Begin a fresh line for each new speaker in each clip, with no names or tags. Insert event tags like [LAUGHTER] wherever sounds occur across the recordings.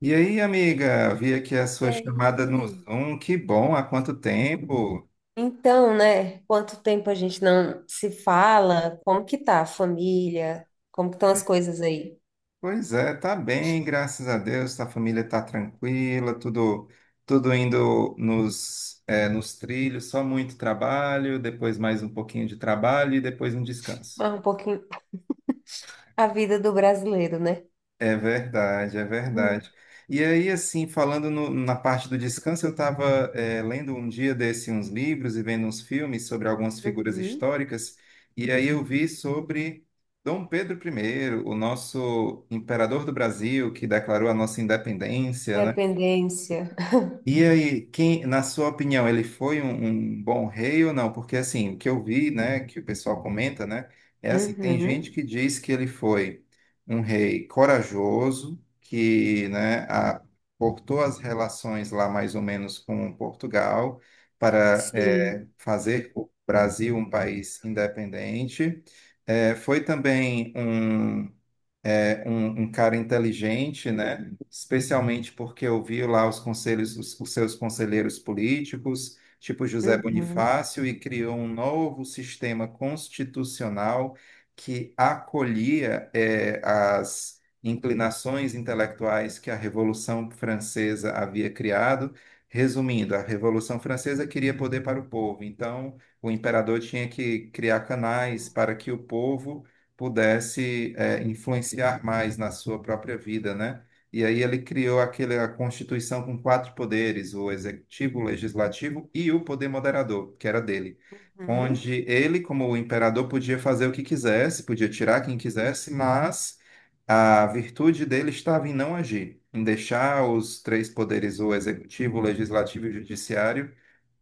E aí, amiga, vi aqui a
E
sua chamada no
aí?
Zoom. Que bom, há quanto tempo?
Então, né? Quanto tempo a gente não se fala? Como que tá a família? Como que estão as coisas aí?
Pois é, tá bem, graças a Deus. A família tá tranquila, tudo indo nos trilhos, só muito trabalho, depois mais um pouquinho de trabalho e depois um descanso.
Mas um pouquinho a vida do brasileiro, né?
É verdade, é
Uhum.
verdade. E aí, assim, falando na parte do descanso, eu estava lendo um dia desse uns livros e vendo uns filmes sobre algumas figuras
Uhum.
históricas, e aí eu vi sobre Dom Pedro I, o nosso imperador do Brasil, que declarou a nossa independência, né?
Dependência.
E aí, quem, na sua opinião, ele foi um bom rei ou não? Porque assim, o que eu vi, né, que o pessoal comenta, né, é assim, tem gente
Uhum.
que diz que ele foi um rei corajoso, que, né, cortou as relações lá mais ou menos com Portugal para
Sim.
fazer o Brasil um país independente. Foi também um cara inteligente, né? Especialmente porque ouviu lá os conselhos, os seus conselheiros políticos, tipo José
Uhum.
Bonifácio, e criou um novo sistema constitucional que acolhia, é, as inclinações intelectuais que a Revolução Francesa havia criado. Resumindo, a Revolução Francesa queria poder para o povo, então o imperador tinha que criar canais para que o povo pudesse influenciar mais na sua própria vida, né? E aí ele criou a Constituição com quatro poderes, o executivo, o legislativo e o poder moderador, que era dele.
Uhum.
Onde ele, como o imperador, podia fazer o que quisesse, podia tirar quem quisesse, mas a virtude dele estava em não agir, em deixar os três poderes, o executivo, o legislativo e o judiciário,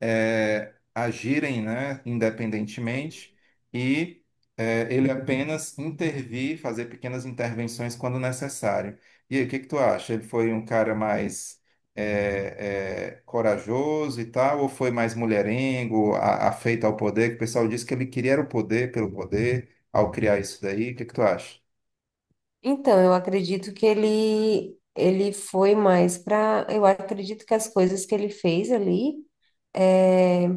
agirem, né, independentemente e ele apenas intervir, fazer pequenas intervenções quando necessário. E aí, o que que tu acha? Ele foi um cara mais corajoso e tal, ou foi mais mulherengo, afeito ao poder? Que o pessoal disse que ele queria era o poder pelo poder ao criar isso daí. O que que tu acha?
Então, eu acredito que ele foi mais para, eu acredito que as coisas que ele fez ali eh,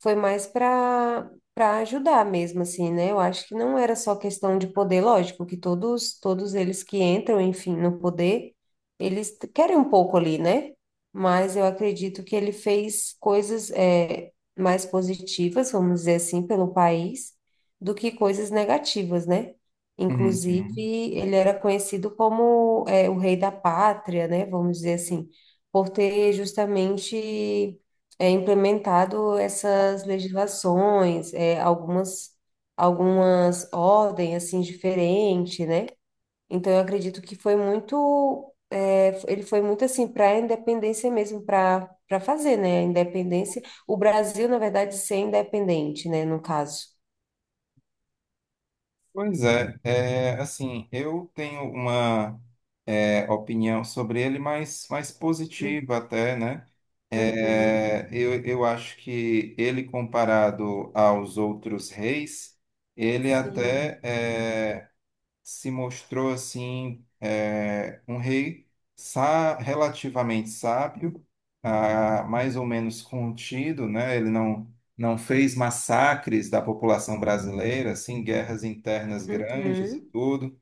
foi mais para ajudar mesmo, assim, né? Eu acho que não era só questão de poder, lógico, que todos eles que entram, enfim, no poder, querem um pouco ali, né? Mas eu acredito que ele fez coisas mais positivas, vamos dizer assim, pelo país, do que coisas negativas, né?
Uhum.
Inclusive, ele era conhecido como o rei da pátria, né? Vamos dizer assim, por ter justamente implementado essas legislações, algumas ordens assim diferentes, né? Então eu acredito que ele foi muito assim para a independência mesmo, para fazer, né? A independência, o Brasil na verdade ser independente, né? No caso.
Pois é, é, assim, eu tenho uma opinião sobre ele mais positiva até, né?
Uhum,
É, eu acho que ele, comparado aos outros reis, ele
sim.
até se mostrou assim um rei relativamente sábio, ah, mais ou menos contido, né? Ele não fez massacres da população brasileira, assim, guerras internas grandes e
Uhum.
tudo.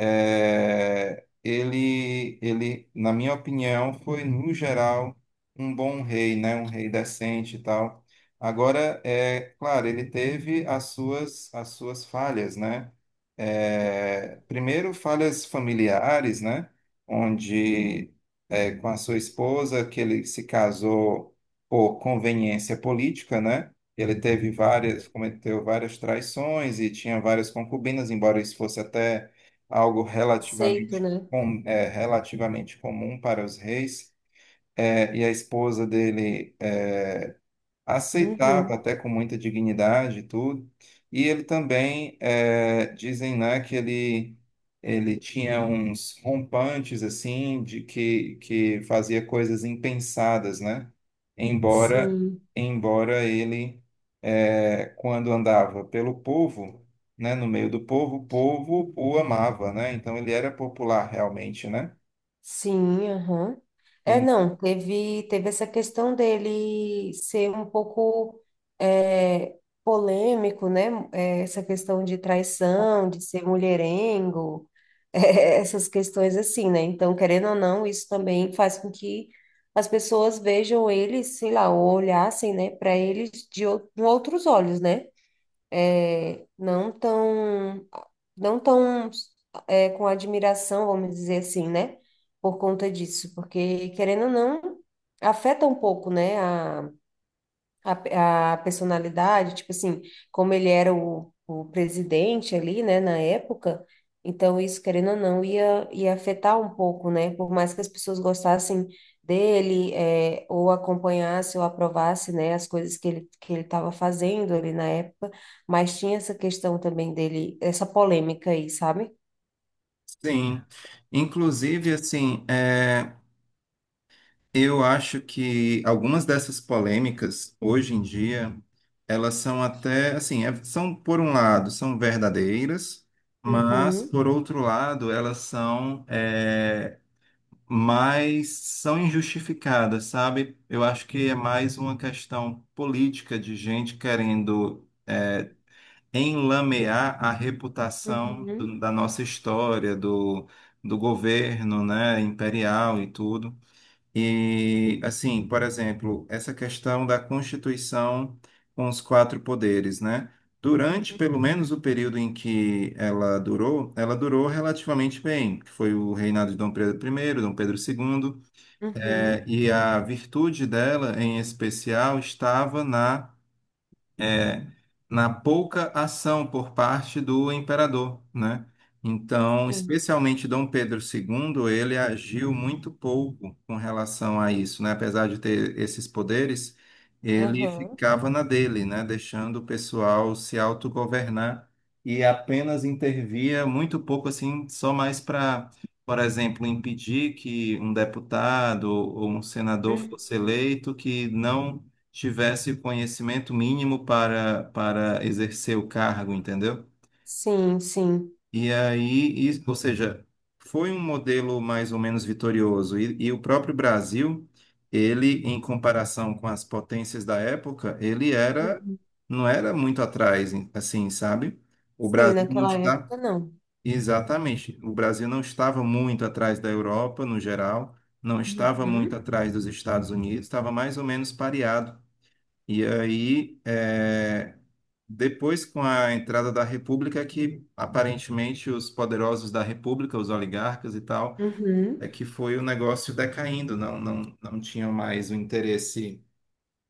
É, ele, na minha opinião, foi, no geral, um bom rei, né? Um rei decente e tal. Agora, é claro, ele teve as suas falhas, né? É, primeiro, falhas familiares, né? Onde, é, com a sua esposa, que ele se casou por conveniência política, né? Ele teve cometeu várias traições e tinha várias concubinas, embora isso fosse até algo
Aceito, né?
relativamente comum para os reis. É, e a esposa dele. É, aceitava
Uhum.
até com muita dignidade e tudo. E ele também, dizem, né, ele tinha uns rompantes, assim, que fazia coisas impensadas, né? Embora,
Sim.
embora ele, quando andava pelo povo, né, no meio do povo, o povo o amava, né? Então ele era popular realmente, né?
Sim, aham. É,
E-
não, teve essa questão dele ser um pouco é, polêmico, né? É, essa questão de traição, de ser mulherengo, [LAUGHS] essas questões assim, né? Então, querendo ou não, isso também faz com que as pessoas vejam ele, sei lá, ou olhassem, né, para ele com outros olhos, né? É, não tão com admiração, vamos dizer assim, né? Por conta disso, porque querendo ou não, afeta um pouco, né? A personalidade, tipo assim, como ele era o presidente ali, né, na época, então isso, querendo ou não, ia afetar um pouco, né? Por mais que as pessoas gostassem dele, ou acompanhasse ou aprovasse, né, as coisas que ele estava fazendo ali na época, mas tinha essa questão também dele, essa polêmica aí, sabe?
sim. Inclusive, assim, eu acho que algumas dessas polêmicas, hoje em dia, elas são até, assim, são, por um lado, são verdadeiras, mas,
Uhum.
por outro lado, elas mais, são injustificadas, sabe? Eu acho que é mais uma questão política de gente querendo enlamear a reputação
Uhum,
da nossa história, do governo, né, imperial e tudo. E, assim, por exemplo, essa questão da Constituição com os quatro poderes, né? Durante, pelo menos, o período em que ela durou relativamente bem, que foi o reinado de Dom Pedro I, Dom Pedro II,
uhum,
e a virtude dela, em especial, estava é, na pouca ação por parte do imperador, né? Então,
sim,
especialmente Dom Pedro II, ele agiu muito pouco com relação a isso, né? Apesar de ter esses poderes, ele
aham,
ficava na dele, né? Deixando o pessoal se autogovernar e apenas intervia muito pouco, assim, só mais para, por exemplo, impedir que um deputado ou um senador
uhum,
fosse eleito que não tivesse o conhecimento mínimo para exercer o cargo, entendeu?
sim, sim,
E aí, ou seja, foi um modelo mais ou menos vitorioso. E o próprio Brasil, ele, em comparação com as potências da época, ele era,
uhum,
não era muito atrás, assim, sabe? O
sim,
Brasil não
naquela
está,
época não.
exatamente, o Brasil não estava muito atrás da Europa, no geral, não estava muito
Uhum,
atrás dos Estados Unidos, estava mais ou menos pareado e aí, é, depois com a entrada da República, é que aparentemente os poderosos da República, os oligarcas e tal, é
uhum.
que foi o negócio decaindo, não tinham mais o interesse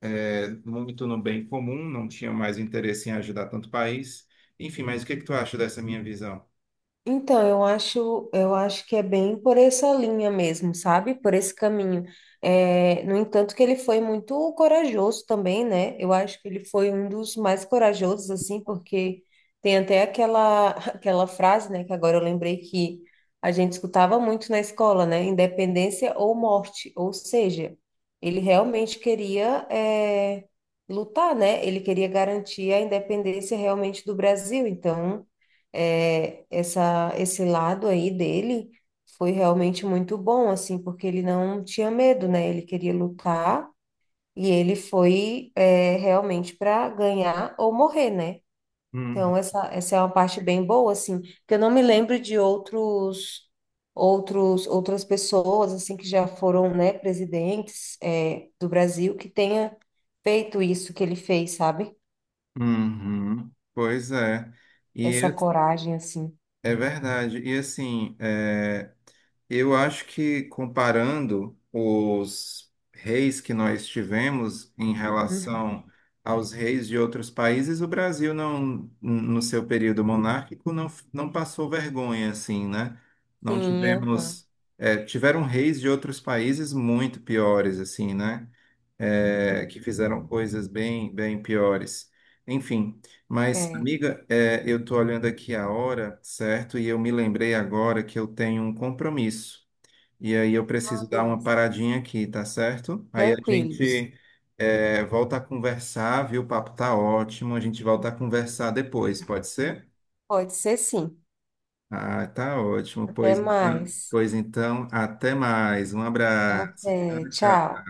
muito no bem comum, não tinham mais o interesse em ajudar tanto o país. Enfim, mas o que que tu acha dessa minha visão?
Então, eu acho que é bem por essa linha mesmo, sabe? Por esse caminho. É, no entanto, que ele foi muito corajoso também, né? Eu acho que ele foi um dos mais corajosos, assim, porque tem até aquela, [LAUGHS] aquela frase, né? Que agora eu lembrei que a gente escutava muito na escola, né? Independência ou morte. Ou seja, ele realmente queria, lutar, né? Ele queria garantir a independência realmente do Brasil. Então esse lado aí dele foi realmente muito bom, assim, porque ele não tinha medo, né? Ele queria lutar e ele foi, realmente para ganhar ou morrer, né? Então,
Hum.
essa é uma parte bem boa, assim, que eu não me lembro de outros. Outras pessoas assim que já foram, né, presidentes do Brasil que tenha feito isso que ele fez, sabe?
Uhum. Pois é. E
Essa coragem assim.
é verdade. E assim, é, eu acho que comparando os reis que nós tivemos em
Uhum.
relação aos reis de outros países, o Brasil não, no seu período monárquico, não passou vergonha, assim, né? Não
Sim, aham.
tivemos, é, tiveram reis de outros países muito piores, assim, né? É, que fizeram coisas bem piores. Enfim, mas,
É.
amiga, é, eu estou olhando aqui a hora, certo? E eu me lembrei agora que eu tenho um compromisso. E aí eu
Ah,
preciso dar uma
beleza.
paradinha aqui, tá certo? Aí a
Tranquilos.
gente volta a conversar, viu? O papo tá ótimo. A gente volta a
Uhum.
conversar depois, pode ser?
Pode ser sim.
Ah, tá ótimo.
Até mais.
Pois então, até mais. Um abraço.
Até.
Tchau, tchau.
Tchau.